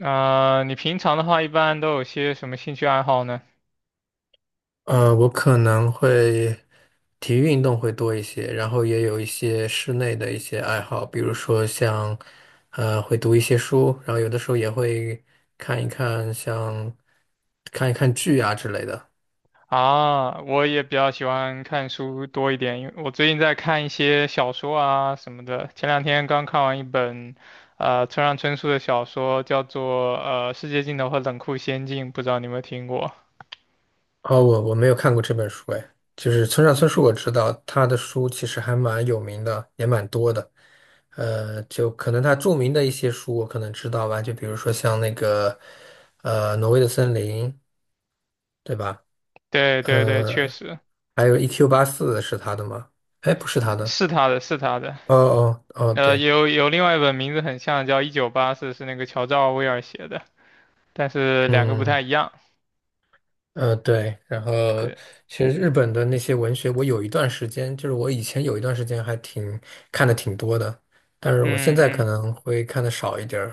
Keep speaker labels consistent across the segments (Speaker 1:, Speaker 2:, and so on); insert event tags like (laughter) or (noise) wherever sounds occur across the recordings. Speaker 1: 你平常的话一般都有些什么兴趣爱好呢？
Speaker 2: 我可能会体育运动会多一些，然后也有一些室内的一些爱好，比如说像，会读一些书，然后有的时候也会看一看像看一看剧啊之类的。
Speaker 1: 啊，我也比较喜欢看书多一点，因为我最近在看一些小说啊什么的。前两天刚看完一本，村上春树的小说，叫做《世界尽头和冷酷仙境》，不知道你有没有听过？
Speaker 2: 哦，我没有看过这本书，哎，就是村上春树，我知道他的书其实还蛮有名的，也蛮多的。就可能他著名的一些书我可能知道吧，就比如说像那个，《挪威的森林》，对吧？
Speaker 1: 对对对，确
Speaker 2: 呃，
Speaker 1: 实
Speaker 2: 还有 EQ 八四是他的吗？哎，不是他的。
Speaker 1: 是他的，是他的。
Speaker 2: 哦哦哦，对，
Speaker 1: 有另外一本名字很像，叫《一九八四》，是那个乔治奥威尔写的，但是两个不太
Speaker 2: 嗯
Speaker 1: 一样。
Speaker 2: 对，然后
Speaker 1: 对，
Speaker 2: 其实日本的那些文学，我有一段时间，就是我以前有一段时间看的挺多的，但是我现
Speaker 1: 嗯
Speaker 2: 在可
Speaker 1: 嗯
Speaker 2: 能会看的少一点儿，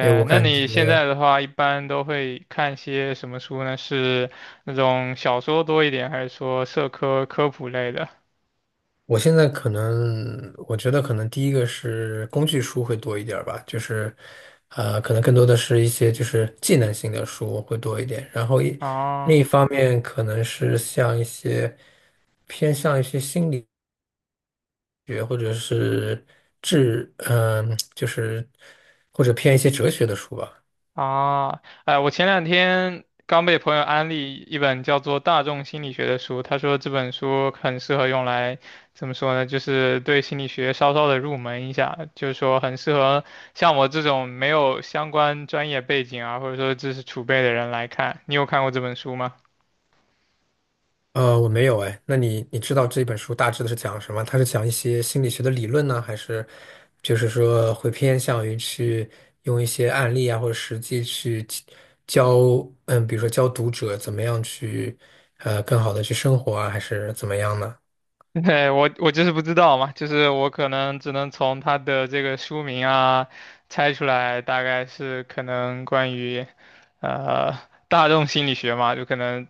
Speaker 2: 因为我
Speaker 1: 那
Speaker 2: 感
Speaker 1: 你现
Speaker 2: 觉。
Speaker 1: 在的话，一般都会看些什么书呢？是那种小说多一点，还是说社科科普类的？
Speaker 2: 我现在可能，我觉得可能第一个是工具书会多一点儿吧，就是，可能更多的是一些就是技能性的书会多一点，然后另
Speaker 1: 啊
Speaker 2: 一方面可能是像一些偏向一些心理学或者是嗯、就是或者偏一些哲学的书吧。
Speaker 1: 啊，哎，我前两天刚被朋友安利一本叫做《大众心理学》的书，他说这本书很适合用来，怎么说呢？就是对心理学稍稍的入门一下，就是说很适合像我这种没有相关专业背景啊，或者说知识储备的人来看。你有看过这本书吗？
Speaker 2: 我没有。哎，那你知道这本书大致的是讲什么？它是讲一些心理学的理论呢，还是就是说会偏向于去用一些案例啊或者实际去教，嗯，比如说教读者怎么样去更好的去生活啊，还是怎么样呢？
Speaker 1: (laughs) 对，我就是不知道嘛，就是我可能只能从它的这个书名啊猜出来，大概是可能关于呃大众心理学嘛，就可能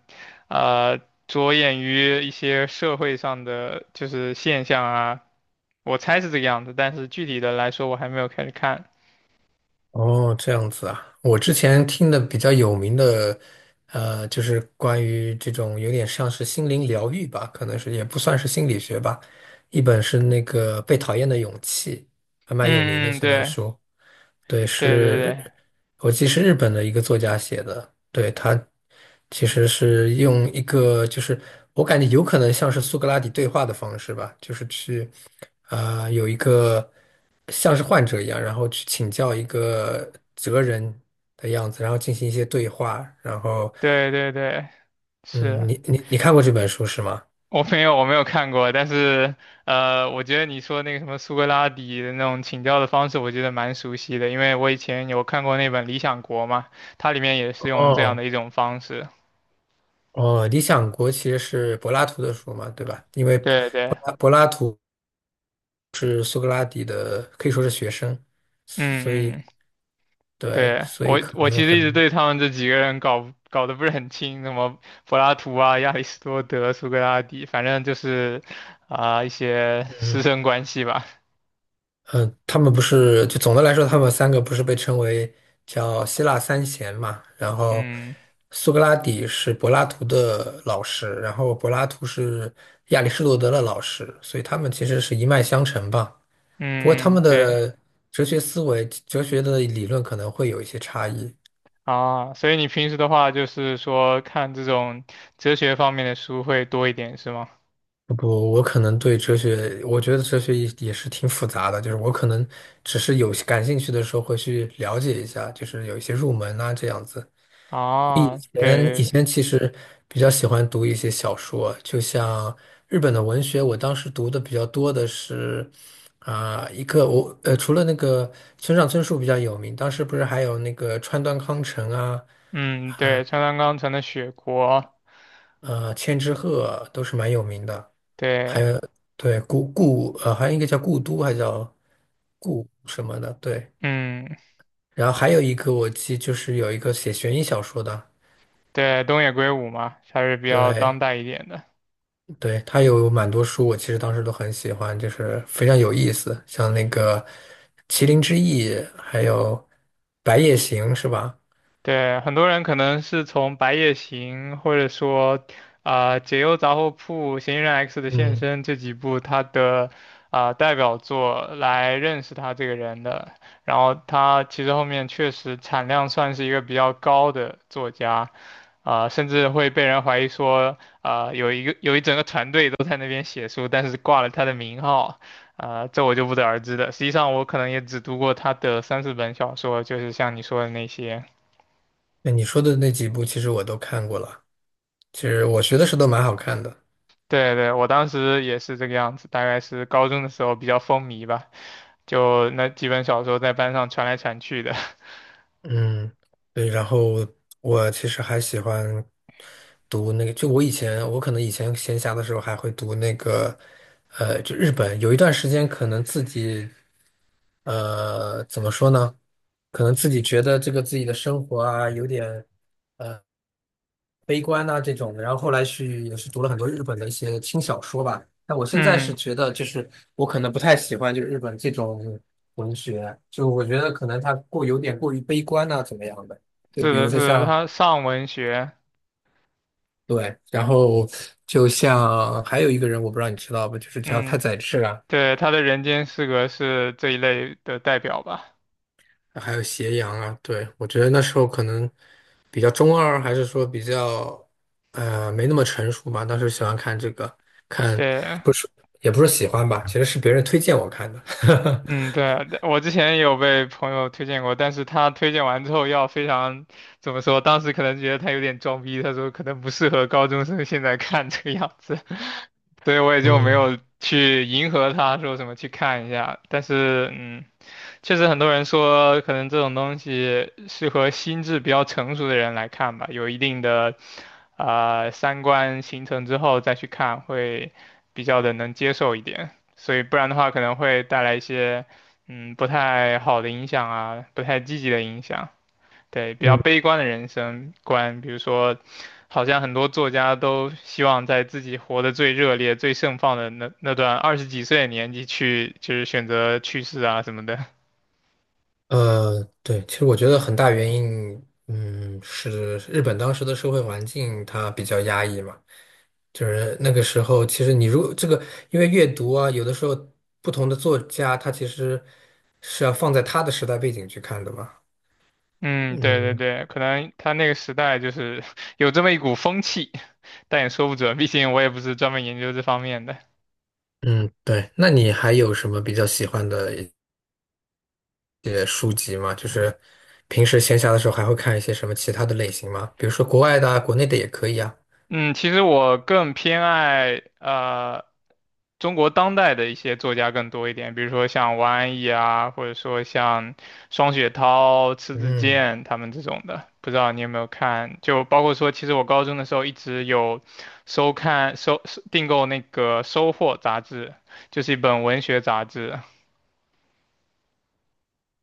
Speaker 1: 呃着眼于一些社会上的就是现象啊，我猜是这个样子，但是具体的来说我还没有开始看。
Speaker 2: 哦，这样子啊，我之前听的比较有名的，就是关于这种有点像是心灵疗愈吧，可能是也不算是心理学吧。一本是那个《被讨厌的勇气》，还蛮有名的
Speaker 1: 嗯嗯，
Speaker 2: 这本
Speaker 1: 对
Speaker 2: 书。对，
Speaker 1: 对
Speaker 2: 是，
Speaker 1: 对
Speaker 2: 我记得是日本的一个作家写的。对，他其实是用一个，就是我感觉有可能像是苏格拉底对话的方式吧，就是去，有一个像是患者一样，然后去请教一个哲人的样子，然后进行一些对话。然后，
Speaker 1: 对对对对，是。
Speaker 2: 嗯，你看过这本书是吗？
Speaker 1: 我没有，我没有看过，但是我觉得你说那个什么苏格拉底的那种请教的方式，我觉得蛮熟悉的，因为我以前有看过那本《理想国》嘛，它里面也是用这样
Speaker 2: 哦
Speaker 1: 的一种方式。
Speaker 2: 哦，《理想国》其实是柏拉图的书嘛，对吧？因为
Speaker 1: 对对，
Speaker 2: 柏拉图。是苏格拉底的，可以说是学生，所
Speaker 1: 嗯
Speaker 2: 以
Speaker 1: 嗯，
Speaker 2: 对，
Speaker 1: 对，
Speaker 2: 所以
Speaker 1: 我
Speaker 2: 可
Speaker 1: 我
Speaker 2: 能
Speaker 1: 其实一直
Speaker 2: 很，
Speaker 1: 对他们这几个人搞得不是很清，什么柏拉图啊、亚里士多德、苏格拉底，反正就是一些师
Speaker 2: 嗯
Speaker 1: 生关系吧。
Speaker 2: 嗯，他们不是，就总的来说，他们三个不是被称为叫希腊三贤嘛？然后
Speaker 1: 嗯
Speaker 2: 苏格拉底是柏拉图的老师，然后柏拉图是亚里士多德的老师，所以他们其实是一脉相承吧。不过他
Speaker 1: 嗯嗯，
Speaker 2: 们
Speaker 1: 对。
Speaker 2: 的哲学思维、哲学的理论可能会有一些差异。
Speaker 1: 啊，所以你平时的话就是说看这种哲学方面的书会多一点，是吗？
Speaker 2: 不，我可能对哲学，我觉得哲学也是挺复杂的，就是我可能只是有感兴趣的时候会去了解一下，就是有一些入门啊这样子。以
Speaker 1: 啊，对
Speaker 2: 前
Speaker 1: 对
Speaker 2: 以
Speaker 1: 对，
Speaker 2: 前其实比较喜欢读一些小说，就像日本的文学，我当时读的比较多的是啊、一个我呃除了那个村上春树比较有名，当时不是还有那个川端康成啊，
Speaker 1: 嗯，对，川端康成的《雪国》，
Speaker 2: 千之鹤都是蛮有名的。还
Speaker 1: 对，
Speaker 2: 有对故故呃，好像一个叫故都，还叫故什么的，对。
Speaker 1: 嗯，
Speaker 2: 然后还有一个就是有一个写悬疑小说的，
Speaker 1: 对，东野圭吾嘛，还是比较当
Speaker 2: 对
Speaker 1: 代一点的。
Speaker 2: 对，他有蛮多书，我其实当时都很喜欢，就是非常有意思，像那个《麒麟之翼》，还有《白夜行》，是吧？
Speaker 1: 对，很多人可能是从《白夜行》或者说解忧杂货铺》《嫌疑人 X 的现
Speaker 2: 嗯，
Speaker 1: 身》这几部他的代表作来认识他这个人的。然后他其实后面确实产量算是一个比较高的作家，甚至会被人怀疑说有一整个团队都在那边写书，但是挂了他的名号。这我就不得而知了。实际上，我可能也只读过他的三四本小说，就是像你说的那些。
Speaker 2: 那你说的那几部其实我都看过了，其实我学的时候都蛮好看的。
Speaker 1: 对对，我当时也是这个样子，大概是高中的时候比较风靡吧，就那几本小说在班上传来传去的。(laughs)
Speaker 2: 嗯，对，然后我其实还喜欢读那个，就我以前，我可能以前闲暇的时候还会读那个，就日本有一段时间可能自己，怎么说呢？可能自己觉得这个自己的生活啊，有点悲观呐、这种的，然后后来去也是读了很多日本的一些轻小说吧。但我现在是
Speaker 1: 嗯，
Speaker 2: 觉得，就是我可能不太喜欢就是日本这种文学，就我觉得可能它过有点过于悲观呐、怎么样的？就
Speaker 1: 是
Speaker 2: 比
Speaker 1: 的，
Speaker 2: 如说
Speaker 1: 是的，
Speaker 2: 像
Speaker 1: 他上文学，
Speaker 2: 对，然后就像还有一个人，我不知道你知道不，就是叫太
Speaker 1: 嗯，
Speaker 2: 宰治啊。
Speaker 1: 对，他的《人间失格》是这一类的代表吧。
Speaker 2: 还有斜阳啊，对，我觉得那时候可能比较中二，还是说比较没那么成熟吧。当时喜欢看这个，看
Speaker 1: 对，
Speaker 2: 不是也不是喜欢吧，其实是别人推荐我看的。
Speaker 1: 嗯，
Speaker 2: (laughs)
Speaker 1: 对啊，我之前也有被朋友推荐过，但是他推荐完之后要非常，怎么说，当时可能觉得他有点装逼，他说可能不适合高中生现在看这个样子，(laughs) 所以我也就没
Speaker 2: 嗯
Speaker 1: 有去迎合他说什么去看一下。但是，嗯，确实很多人说可能这种东西适合心智比较成熟的人来看吧，有一定的，呃，三观形成之后再去看会比较的能接受一点。所以不然的话可能会带来一些不太好的影响啊，不太积极的影响，对，比较
Speaker 2: 嗯
Speaker 1: 悲观的人生观，比如说，好像很多作家都希望在自己活得最热烈、最盛放的那段二十几岁的年纪去，就是选择去世啊什么的。(laughs)
Speaker 2: 对，其实我觉得很大原因，嗯，是日本当时的社会环境它比较压抑嘛，就是那个时候，其实你如果这个，因为阅读啊，有的时候不同的作家他其实是要放在他的时代背景去看的嘛。
Speaker 1: 嗯，对对
Speaker 2: 嗯
Speaker 1: 对，可能他那个时代就是 (laughs) 有这么一股风气，(laughs) 但也说不准，毕竟我也不是专门研究这方面的。
Speaker 2: 嗯，对。那你还有什么比较喜欢的一些书籍吗？就是平时闲暇的时候还会看一些什么其他的类型吗？比如说国外的啊，国内的也可以啊。
Speaker 1: 嗯，其实我更偏爱中国当代的一些作家更多一点，比如说像王安忆啊，或者说像双雪涛、迟子
Speaker 2: 嗯，
Speaker 1: 建他们这种的。不知道你有没有看？就包括说，其实我高中的时候一直有收看、收订购那个《收获》杂志，就是一本文学杂志。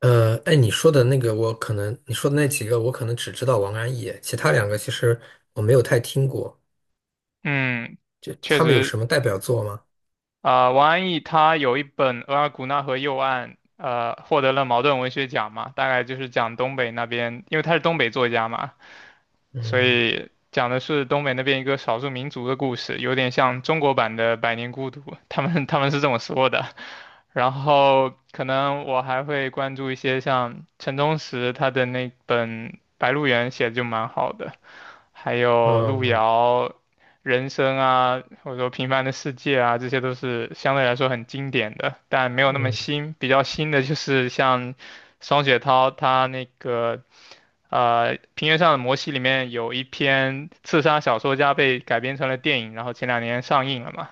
Speaker 2: 哎，你说的那几个我可能只知道王安忆，其他两个其实我没有太听过。
Speaker 1: 嗯，
Speaker 2: 就
Speaker 1: 确
Speaker 2: 他们有什
Speaker 1: 实
Speaker 2: 么代表作吗？
Speaker 1: 王安忆他有一本《额尔古纳河右岸》，获得了茅盾文学奖嘛，大概就是讲东北那边，因为他是东北作家嘛，所
Speaker 2: 嗯
Speaker 1: 以讲的是东北那边一个少数民族的故事，有点像中国版的《百年孤独》，他们是这么说的。然后可能我还会关注一些像陈忠实他的那本《白鹿原》写的就蛮好的，还有路
Speaker 2: 嗯
Speaker 1: 遥、人生啊，或者说平凡的世界啊，这些都是相对来说很经典的，但没有那么
Speaker 2: 嗯，
Speaker 1: 新。比较新的就是像双雪涛他那个《平原上的摩西》里面有一篇刺杀小说家被改编成了电影，然后前两年上映了嘛，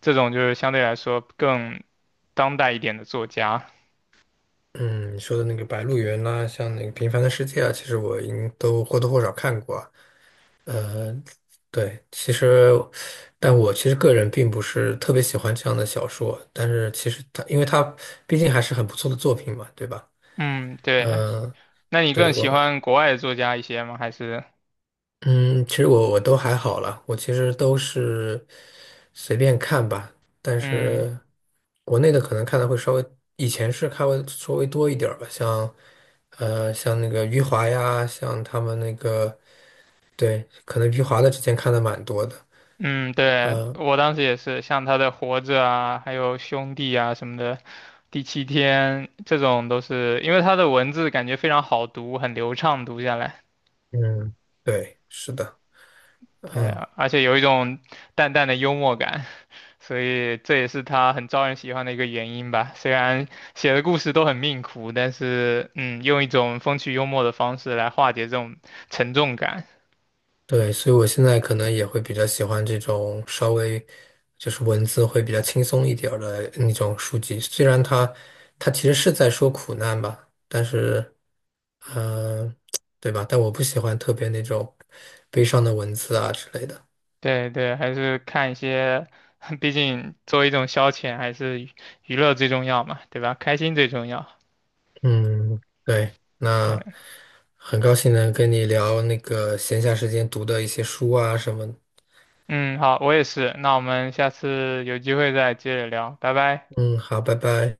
Speaker 1: 这种就是相对来说更当代一点的作家。
Speaker 2: 嗯，你说的那个《白鹿原》呐，像那个《平凡的世界》啊，其实我应都或多或少看过。呃，对，其实，但我其实个人并不是特别喜欢这样的小说，但是其实它，因为它毕竟还是很不错的作品嘛，对吧？
Speaker 1: 嗯，对。
Speaker 2: 嗯、
Speaker 1: 那你更
Speaker 2: 对，我，
Speaker 1: 喜欢国外的作家一些吗？还是
Speaker 2: 嗯，其实我都还好了，我其实都是随便看吧，但
Speaker 1: 嗯？
Speaker 2: 是国内的可能看的会稍微，以前是看会稍微多一点儿吧，像，像那个余华呀，像他们那个，对，可能余华的之前看的蛮多的，
Speaker 1: 嗯，对，我当时也是，像他的《活着》啊，还有《兄弟》啊什么的，《第七天》这种都是，因为他的文字感觉非常好读，很流畅读下来，
Speaker 2: 嗯，对，是的。
Speaker 1: 对
Speaker 2: 嗯，
Speaker 1: 啊，而且有一种淡淡的幽默感，所以这也是他很招人喜欢的一个原因吧。虽然写的故事都很命苦，但是嗯，用一种风趣幽默的方式来化解这种沉重感。
Speaker 2: 对，所以我现在可能也会比较喜欢这种稍微就是文字会比较轻松一点儿的那种书籍。虽然它其实是在说苦难吧，但是，嗯，对吧？但我不喜欢特别那种悲伤的文字啊之类的。
Speaker 1: 对对，还是看一些，(laughs) 毕竟作为一种消遣，还是娱乐最重要嘛，对吧？开心最重要。
Speaker 2: 嗯，对，
Speaker 1: 对，
Speaker 2: 那很高兴能跟你聊那个闲暇时间读的一些书啊什么的。
Speaker 1: 嗯，好，我也是。那我们下次有机会再接着聊，拜拜。
Speaker 2: 嗯，好，拜拜。